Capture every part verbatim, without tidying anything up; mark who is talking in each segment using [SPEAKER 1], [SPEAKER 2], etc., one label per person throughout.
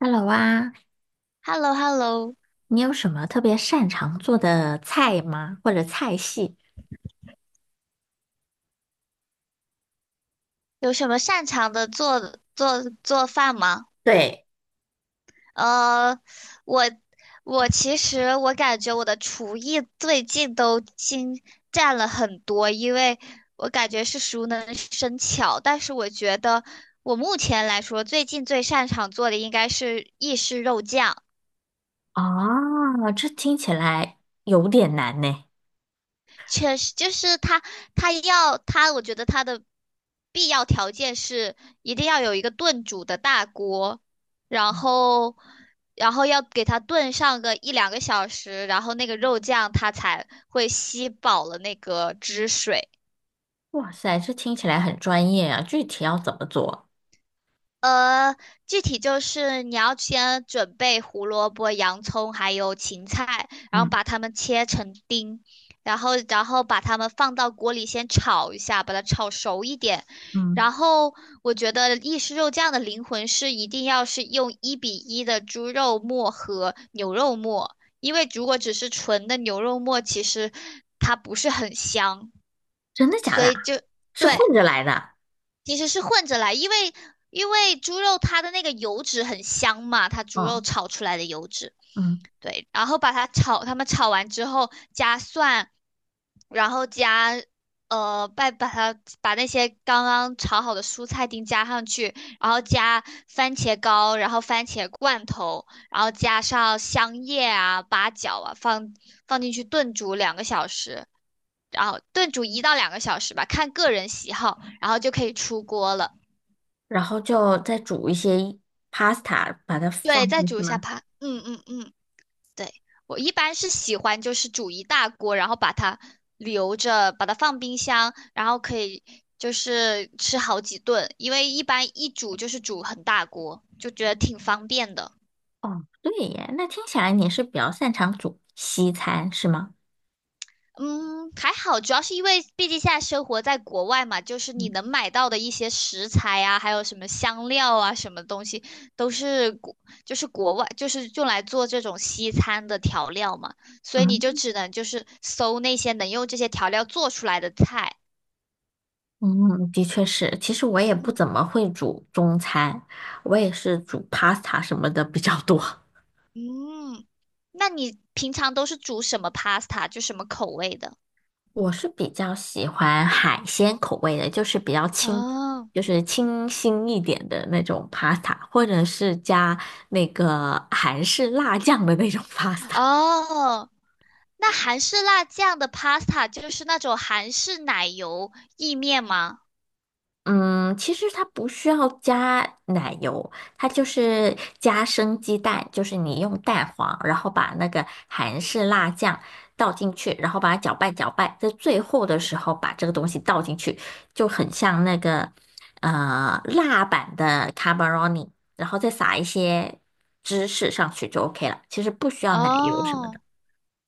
[SPEAKER 1] Hello 啊，
[SPEAKER 2] h e l l o h e l l o。
[SPEAKER 1] 你有什么特别擅长做的菜吗？或者菜系？
[SPEAKER 2] 有什么擅长的做做做饭吗？
[SPEAKER 1] 对。
[SPEAKER 2] 呃，我我其实我感觉我的厨艺最近都精湛了很多，因为我感觉是熟能生巧。但是我觉得我目前来说，最近最擅长做的应该是意式肉酱。
[SPEAKER 1] 哦，这听起来有点难呢。
[SPEAKER 2] 确实就是他，他要他，我觉得他的必要条件是一定要有一个炖煮的大锅，然后，然后要给它炖上个一两个小时，然后那个肉酱它才会吸饱了那个汁水。
[SPEAKER 1] 哇塞，这听起来很专业啊，具体要怎么做？
[SPEAKER 2] 呃，具体就是你要先准备胡萝卜、洋葱还有芹菜，然后
[SPEAKER 1] 嗯
[SPEAKER 2] 把它们切成丁，然后然后把它们放到锅里先炒一下，把它炒熟一点。
[SPEAKER 1] 嗯
[SPEAKER 2] 然后我觉得意式肉酱的灵魂是一定要是用一比一的猪肉末和牛肉末，因为如果只是纯的牛肉末，其实它不是很香，
[SPEAKER 1] 真的假
[SPEAKER 2] 所
[SPEAKER 1] 的啊？
[SPEAKER 2] 以就
[SPEAKER 1] 是混
[SPEAKER 2] 对。
[SPEAKER 1] 着来的？
[SPEAKER 2] 其实是混着来，因为因为猪肉它的那个油脂很香嘛，它猪肉
[SPEAKER 1] 嗯。
[SPEAKER 2] 炒出来的油脂，
[SPEAKER 1] 嗯，
[SPEAKER 2] 对，然后把它炒，他们炒完之后加蒜，然后加呃，把把它把那些刚刚炒好的蔬菜丁加上去，然后加番茄膏，然后番茄罐头，然后加上香叶啊、八角啊，放放进去炖煮两个小时。然后炖煮一到两个小时吧，看个人喜好，然后就可以出锅了。
[SPEAKER 1] 然后就再煮一些 pasta,把它
[SPEAKER 2] 对，
[SPEAKER 1] 放
[SPEAKER 2] 再
[SPEAKER 1] 进
[SPEAKER 2] 煮
[SPEAKER 1] 去
[SPEAKER 2] 一下
[SPEAKER 1] 吗？
[SPEAKER 2] 它。嗯嗯嗯，对，我一般是喜欢就是煮一大锅，然后把它留着，把它放冰箱，然后可以就是吃好几顿，因为一般一煮就是煮很大锅，就觉得挺方便的。
[SPEAKER 1] 哦，对耶，那听起来你是比较擅长煮西餐，是吗？
[SPEAKER 2] 嗯，还好，主要是因为毕竟现在生活在国外嘛，就是你
[SPEAKER 1] 嗯
[SPEAKER 2] 能买到的一些食材啊，还有什么香料啊，什么东西都是国，就是国外，就是用来做这种西餐的调料嘛，所以你就
[SPEAKER 1] 嗯
[SPEAKER 2] 只能就是搜那些能用这些调料做出来的菜。
[SPEAKER 1] 嗯，的确是。其实我也不
[SPEAKER 2] 嗯
[SPEAKER 1] 怎么会煮中餐，我也是煮 pasta 什么的比较多。
[SPEAKER 2] 嗯，那你平常都是煮什么 pasta,就什么口味的？
[SPEAKER 1] 我是比较喜欢海鲜口味的，就是比较清，
[SPEAKER 2] 哦
[SPEAKER 1] 就是清新一点的那种 pasta,或者是加那个韩式辣酱的那种 pasta。
[SPEAKER 2] 哦，那韩式辣酱的 pasta 就是那种韩式奶油意面吗？
[SPEAKER 1] 嗯，其实它不需要加奶油，它就是加生鸡蛋，就是你用蛋黄，然后把那个韩式辣酱倒进去，然后把它搅拌搅拌，在最后的时候把这个东西倒进去，就很像那个呃辣版的 carbonara,然后再撒一些芝士上去就 OK 了。其实不需要奶油什么的。
[SPEAKER 2] 哦，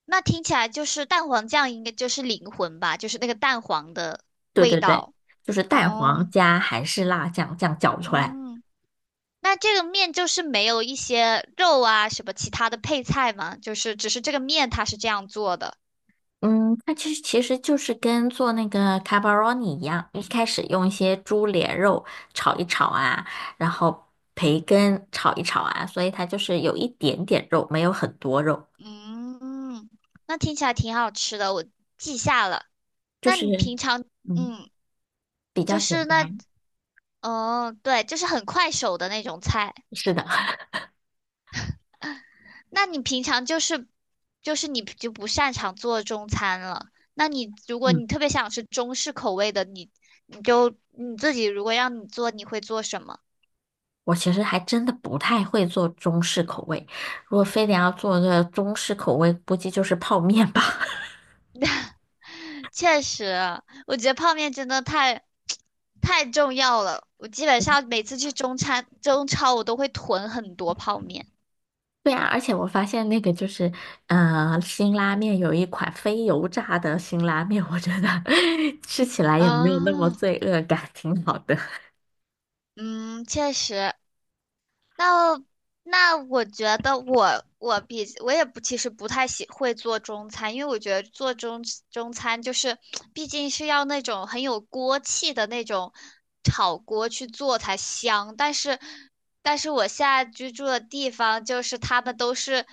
[SPEAKER 2] 那听起来就是蛋黄酱应该就是灵魂吧，就是那个蛋黄的
[SPEAKER 1] 对
[SPEAKER 2] 味
[SPEAKER 1] 对对，
[SPEAKER 2] 道。
[SPEAKER 1] 就是蛋黄
[SPEAKER 2] 哦，
[SPEAKER 1] 加韩式辣酱这样搅出来。
[SPEAKER 2] 嗯，那这个面就是没有一些肉啊什么其他的配菜吗？就是只是这个面它是这样做的。
[SPEAKER 1] 嗯，它其实其实就是跟做那个 c a r b o n a 一样，一开始用一些猪脸肉炒一炒啊，然后培根炒一炒啊，所以它就是有一点点肉，没有很多肉，
[SPEAKER 2] 嗯，那听起来挺好吃的，我记下了。
[SPEAKER 1] 就
[SPEAKER 2] 那
[SPEAKER 1] 是
[SPEAKER 2] 你平常
[SPEAKER 1] 嗯
[SPEAKER 2] 嗯，
[SPEAKER 1] 比
[SPEAKER 2] 就
[SPEAKER 1] 较简
[SPEAKER 2] 是那
[SPEAKER 1] 单。
[SPEAKER 2] 哦，对，就是很快手的那种菜。
[SPEAKER 1] 是的。
[SPEAKER 2] 那你平常就是就是你就不擅长做中餐了。那你如果
[SPEAKER 1] 嗯，
[SPEAKER 2] 你特别想吃中式口味的，你你就你自己如果让你做，你会做什么？
[SPEAKER 1] 我其实还真的不太会做中式口味，如果非得要做个中式口味，估计就是泡面吧。
[SPEAKER 2] 确实，我觉得泡面真的太 太重要了。我基本上每次去中餐中超，我都会囤很多泡面。
[SPEAKER 1] 对啊，而且我发现那个就是，呃，辛拉面有一款非油炸的辛拉面，我觉得 吃起来也
[SPEAKER 2] 啊，
[SPEAKER 1] 没有那么罪恶感，挺好的。
[SPEAKER 2] 嗯，确实，那那我觉得我我比我也不其实不太喜会做中餐，因为我觉得做中中餐就是毕竟是要那种很有锅气的那种炒锅去做才香。但是但是我现在居住的地方就是他们都是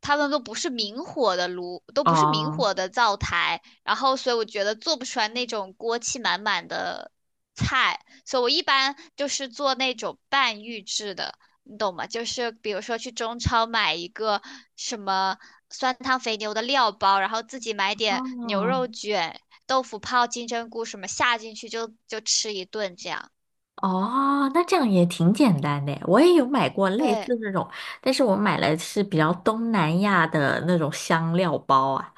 [SPEAKER 2] 他们都不是明火的炉，都不是明
[SPEAKER 1] 哦。
[SPEAKER 2] 火的灶台，然后所以我觉得做不出来那种锅气满满的菜，所以我一般就是做那种半预制的。你懂吗？就是比如说去中超买一个什么酸汤肥牛的料包，然后自己买点牛
[SPEAKER 1] 哦。
[SPEAKER 2] 肉卷、豆腐泡、金针菇什么下进去就就吃一顿这样。
[SPEAKER 1] 哦，那这样也挺简单的耶，我也有买过类
[SPEAKER 2] 对，
[SPEAKER 1] 似这种，但是我买来是比较东南亚的那种香料包啊，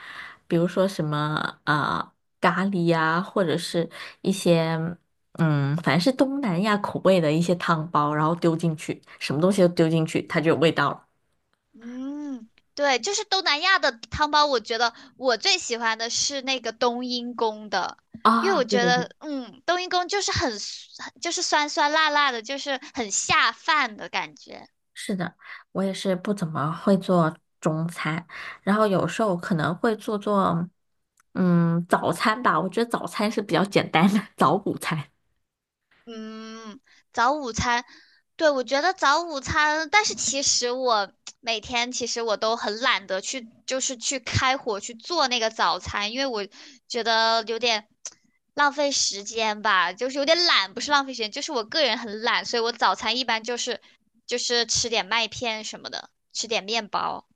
[SPEAKER 1] 比如说什么呃咖喱啊，或者是一些嗯，反正是东南亚口味的一些汤包，然后丢进去，什么东西都丢进去，它就有味道了。
[SPEAKER 2] 嗯，对，就是东南亚的汤包，我觉得我最喜欢的是那个冬阴功的，因为
[SPEAKER 1] 啊、
[SPEAKER 2] 我
[SPEAKER 1] 对
[SPEAKER 2] 觉
[SPEAKER 1] 对对。
[SPEAKER 2] 得，嗯，冬阴功就是很就是酸酸辣辣的，就是很下饭的感觉。
[SPEAKER 1] 是的，我也是不怎么会做中餐，然后有时候可能会做做，嗯，早餐吧。我觉得早餐是比较简单的，早午餐。
[SPEAKER 2] 嗯，早午餐，对，我觉得早午餐，但是其实我每天其实我都很懒得去，就是去开火去做那个早餐，因为我觉得有点浪费时间吧，就是有点懒，不是浪费时间，就是我个人很懒，所以我早餐一般就是就是吃点麦片什么的，吃点面包。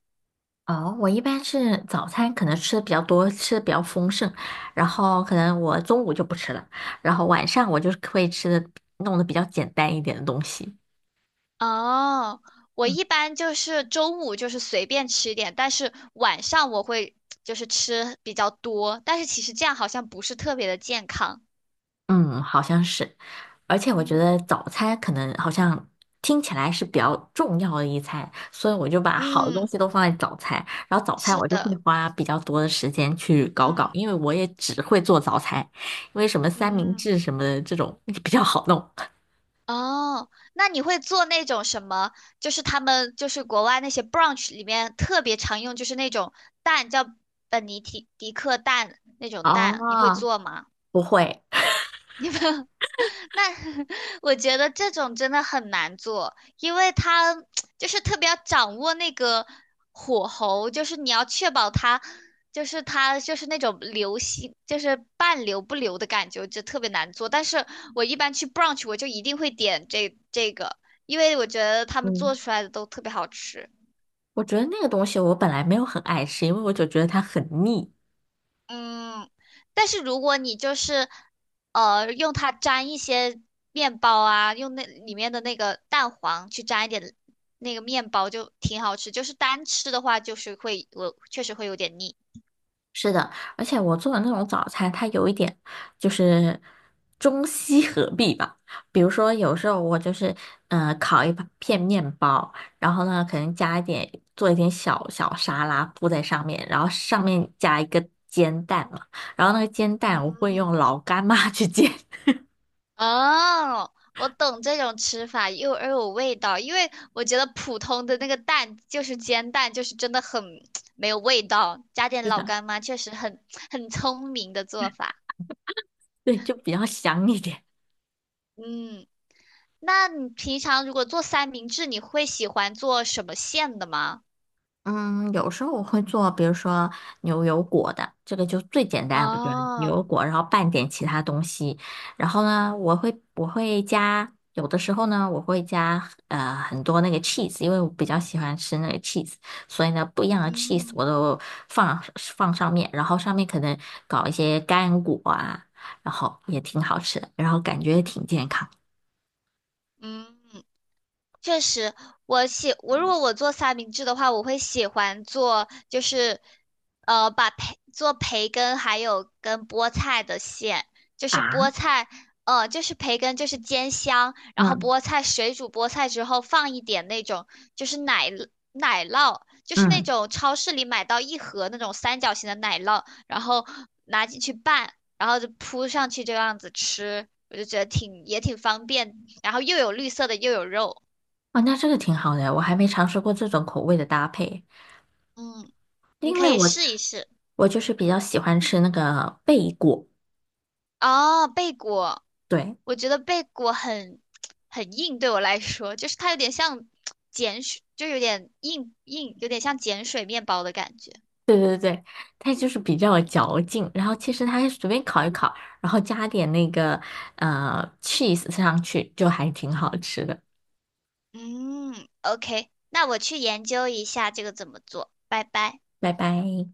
[SPEAKER 1] 哦，我一般是早餐可能吃的比较多，吃的比较丰盛，然后可能我中午就不吃了，然后晚上我就是会吃的弄得比较简单一点的东西。
[SPEAKER 2] 哦，我
[SPEAKER 1] 嗯。
[SPEAKER 2] 一般就是中午就是随便吃一点，但是晚上我会就是吃比较多，但是其实这样好像不是特别的健康。
[SPEAKER 1] 嗯，好像是。而且我觉
[SPEAKER 2] 嗯
[SPEAKER 1] 得早餐可能好像听起来是比较重要的一餐，所以我就把好的东
[SPEAKER 2] 嗯，
[SPEAKER 1] 西都放在早餐，然后早餐
[SPEAKER 2] 是
[SPEAKER 1] 我就会
[SPEAKER 2] 的。
[SPEAKER 1] 花比较多的时间去搞搞，
[SPEAKER 2] 嗯
[SPEAKER 1] 因为我也只会做早餐，因为什么三明
[SPEAKER 2] 嗯，
[SPEAKER 1] 治什么的这种比较好弄。
[SPEAKER 2] 哦，那你会做那种什么？就是他们就是国外那些 brunch 里面特别常用，就是那种蛋叫本尼提迪克蛋那种蛋，你会
[SPEAKER 1] 哦，
[SPEAKER 2] 做吗？
[SPEAKER 1] 不会。
[SPEAKER 2] 那 我觉得这种真的很难做，因为它就是特别要掌握那个火候，就是你要确保它，就是它就是那种流心，就是半流不流的感觉，就特别难做。但是我一般去 brunch,我就一定会点这这个，因为我觉得他们做
[SPEAKER 1] 嗯，
[SPEAKER 2] 出来的都特别好吃。
[SPEAKER 1] 我觉得那个东西我本来没有很爱吃，因为我就觉得它很腻。
[SPEAKER 2] 嗯，但是如果你就是呃用它沾一些面包啊，用那里面的那个蛋黄去沾一点那个面包，就挺好吃。就是单吃的话，就是会我确实会有点腻。
[SPEAKER 1] 是的，而且我做的那种早餐，它有一点就是中西合璧吧。比如说，有时候我就是嗯烤一片面包，然后呢，可能加一点做一点小小沙拉铺在上面，然后上面加一个煎蛋嘛。然后那个煎蛋我会
[SPEAKER 2] 嗯，
[SPEAKER 1] 用老干妈去煎。
[SPEAKER 2] 哦，我懂这种吃法，又又有味道，因为我觉得普通的那个蛋就是煎蛋，就是真的很 没有味道，加点
[SPEAKER 1] 是
[SPEAKER 2] 老
[SPEAKER 1] 的。
[SPEAKER 2] 干妈确实很很聪明的做法。
[SPEAKER 1] 对，就比较香一点。
[SPEAKER 2] 嗯。那你平常如果做三明治，你会喜欢做什么馅的吗？
[SPEAKER 1] 嗯，有时候我会做，比如说牛油果的，这个就最简单，我觉得牛
[SPEAKER 2] 哦，
[SPEAKER 1] 油果，然后拌点其他东西，然后呢，我会我会加，有的时候呢，我会加呃很多那个 cheese,因为我比较喜欢吃那个 cheese,所以呢，不一样的 cheese
[SPEAKER 2] 嗯
[SPEAKER 1] 我都放放上面，然后上面可能搞一些干果啊，然后也挺好吃的，然后感觉也挺健康
[SPEAKER 2] 嗯。确实，我喜我如果我做三明治的话，我会喜欢做就是，呃，把培做培根还有跟菠菜的馅，就是菠
[SPEAKER 1] 啊。
[SPEAKER 2] 菜，呃，就是培根就是煎香，然后
[SPEAKER 1] 嗯
[SPEAKER 2] 菠菜水煮菠菜之后放一点那种就是奶奶酪，就是那
[SPEAKER 1] 嗯，
[SPEAKER 2] 种超市里买到一盒那种三角形的奶酪，然后拿进去拌，然后就铺上去这样子吃，我就觉得挺也挺方便，然后又有绿色的又有肉。
[SPEAKER 1] 哦，那这个挺好的，我还没尝试过这种口味的搭配。
[SPEAKER 2] 嗯，你
[SPEAKER 1] 因
[SPEAKER 2] 可
[SPEAKER 1] 为
[SPEAKER 2] 以
[SPEAKER 1] 我
[SPEAKER 2] 试一试。
[SPEAKER 1] 我就是比较喜欢吃那个贝果，
[SPEAKER 2] 哦，贝果，
[SPEAKER 1] 对
[SPEAKER 2] 我觉得贝果很很硬，对我来说，就是它有点像碱水，就有点硬硬，有点像碱水面包的感觉。
[SPEAKER 1] 对对对，它就是比较有嚼劲。然后其实它随便烤一烤，然后加点那个呃 cheese 上去，就还挺好吃的。
[SPEAKER 2] 嗯，OK,那我去研究一下这个怎么做，拜拜。
[SPEAKER 1] 拜拜。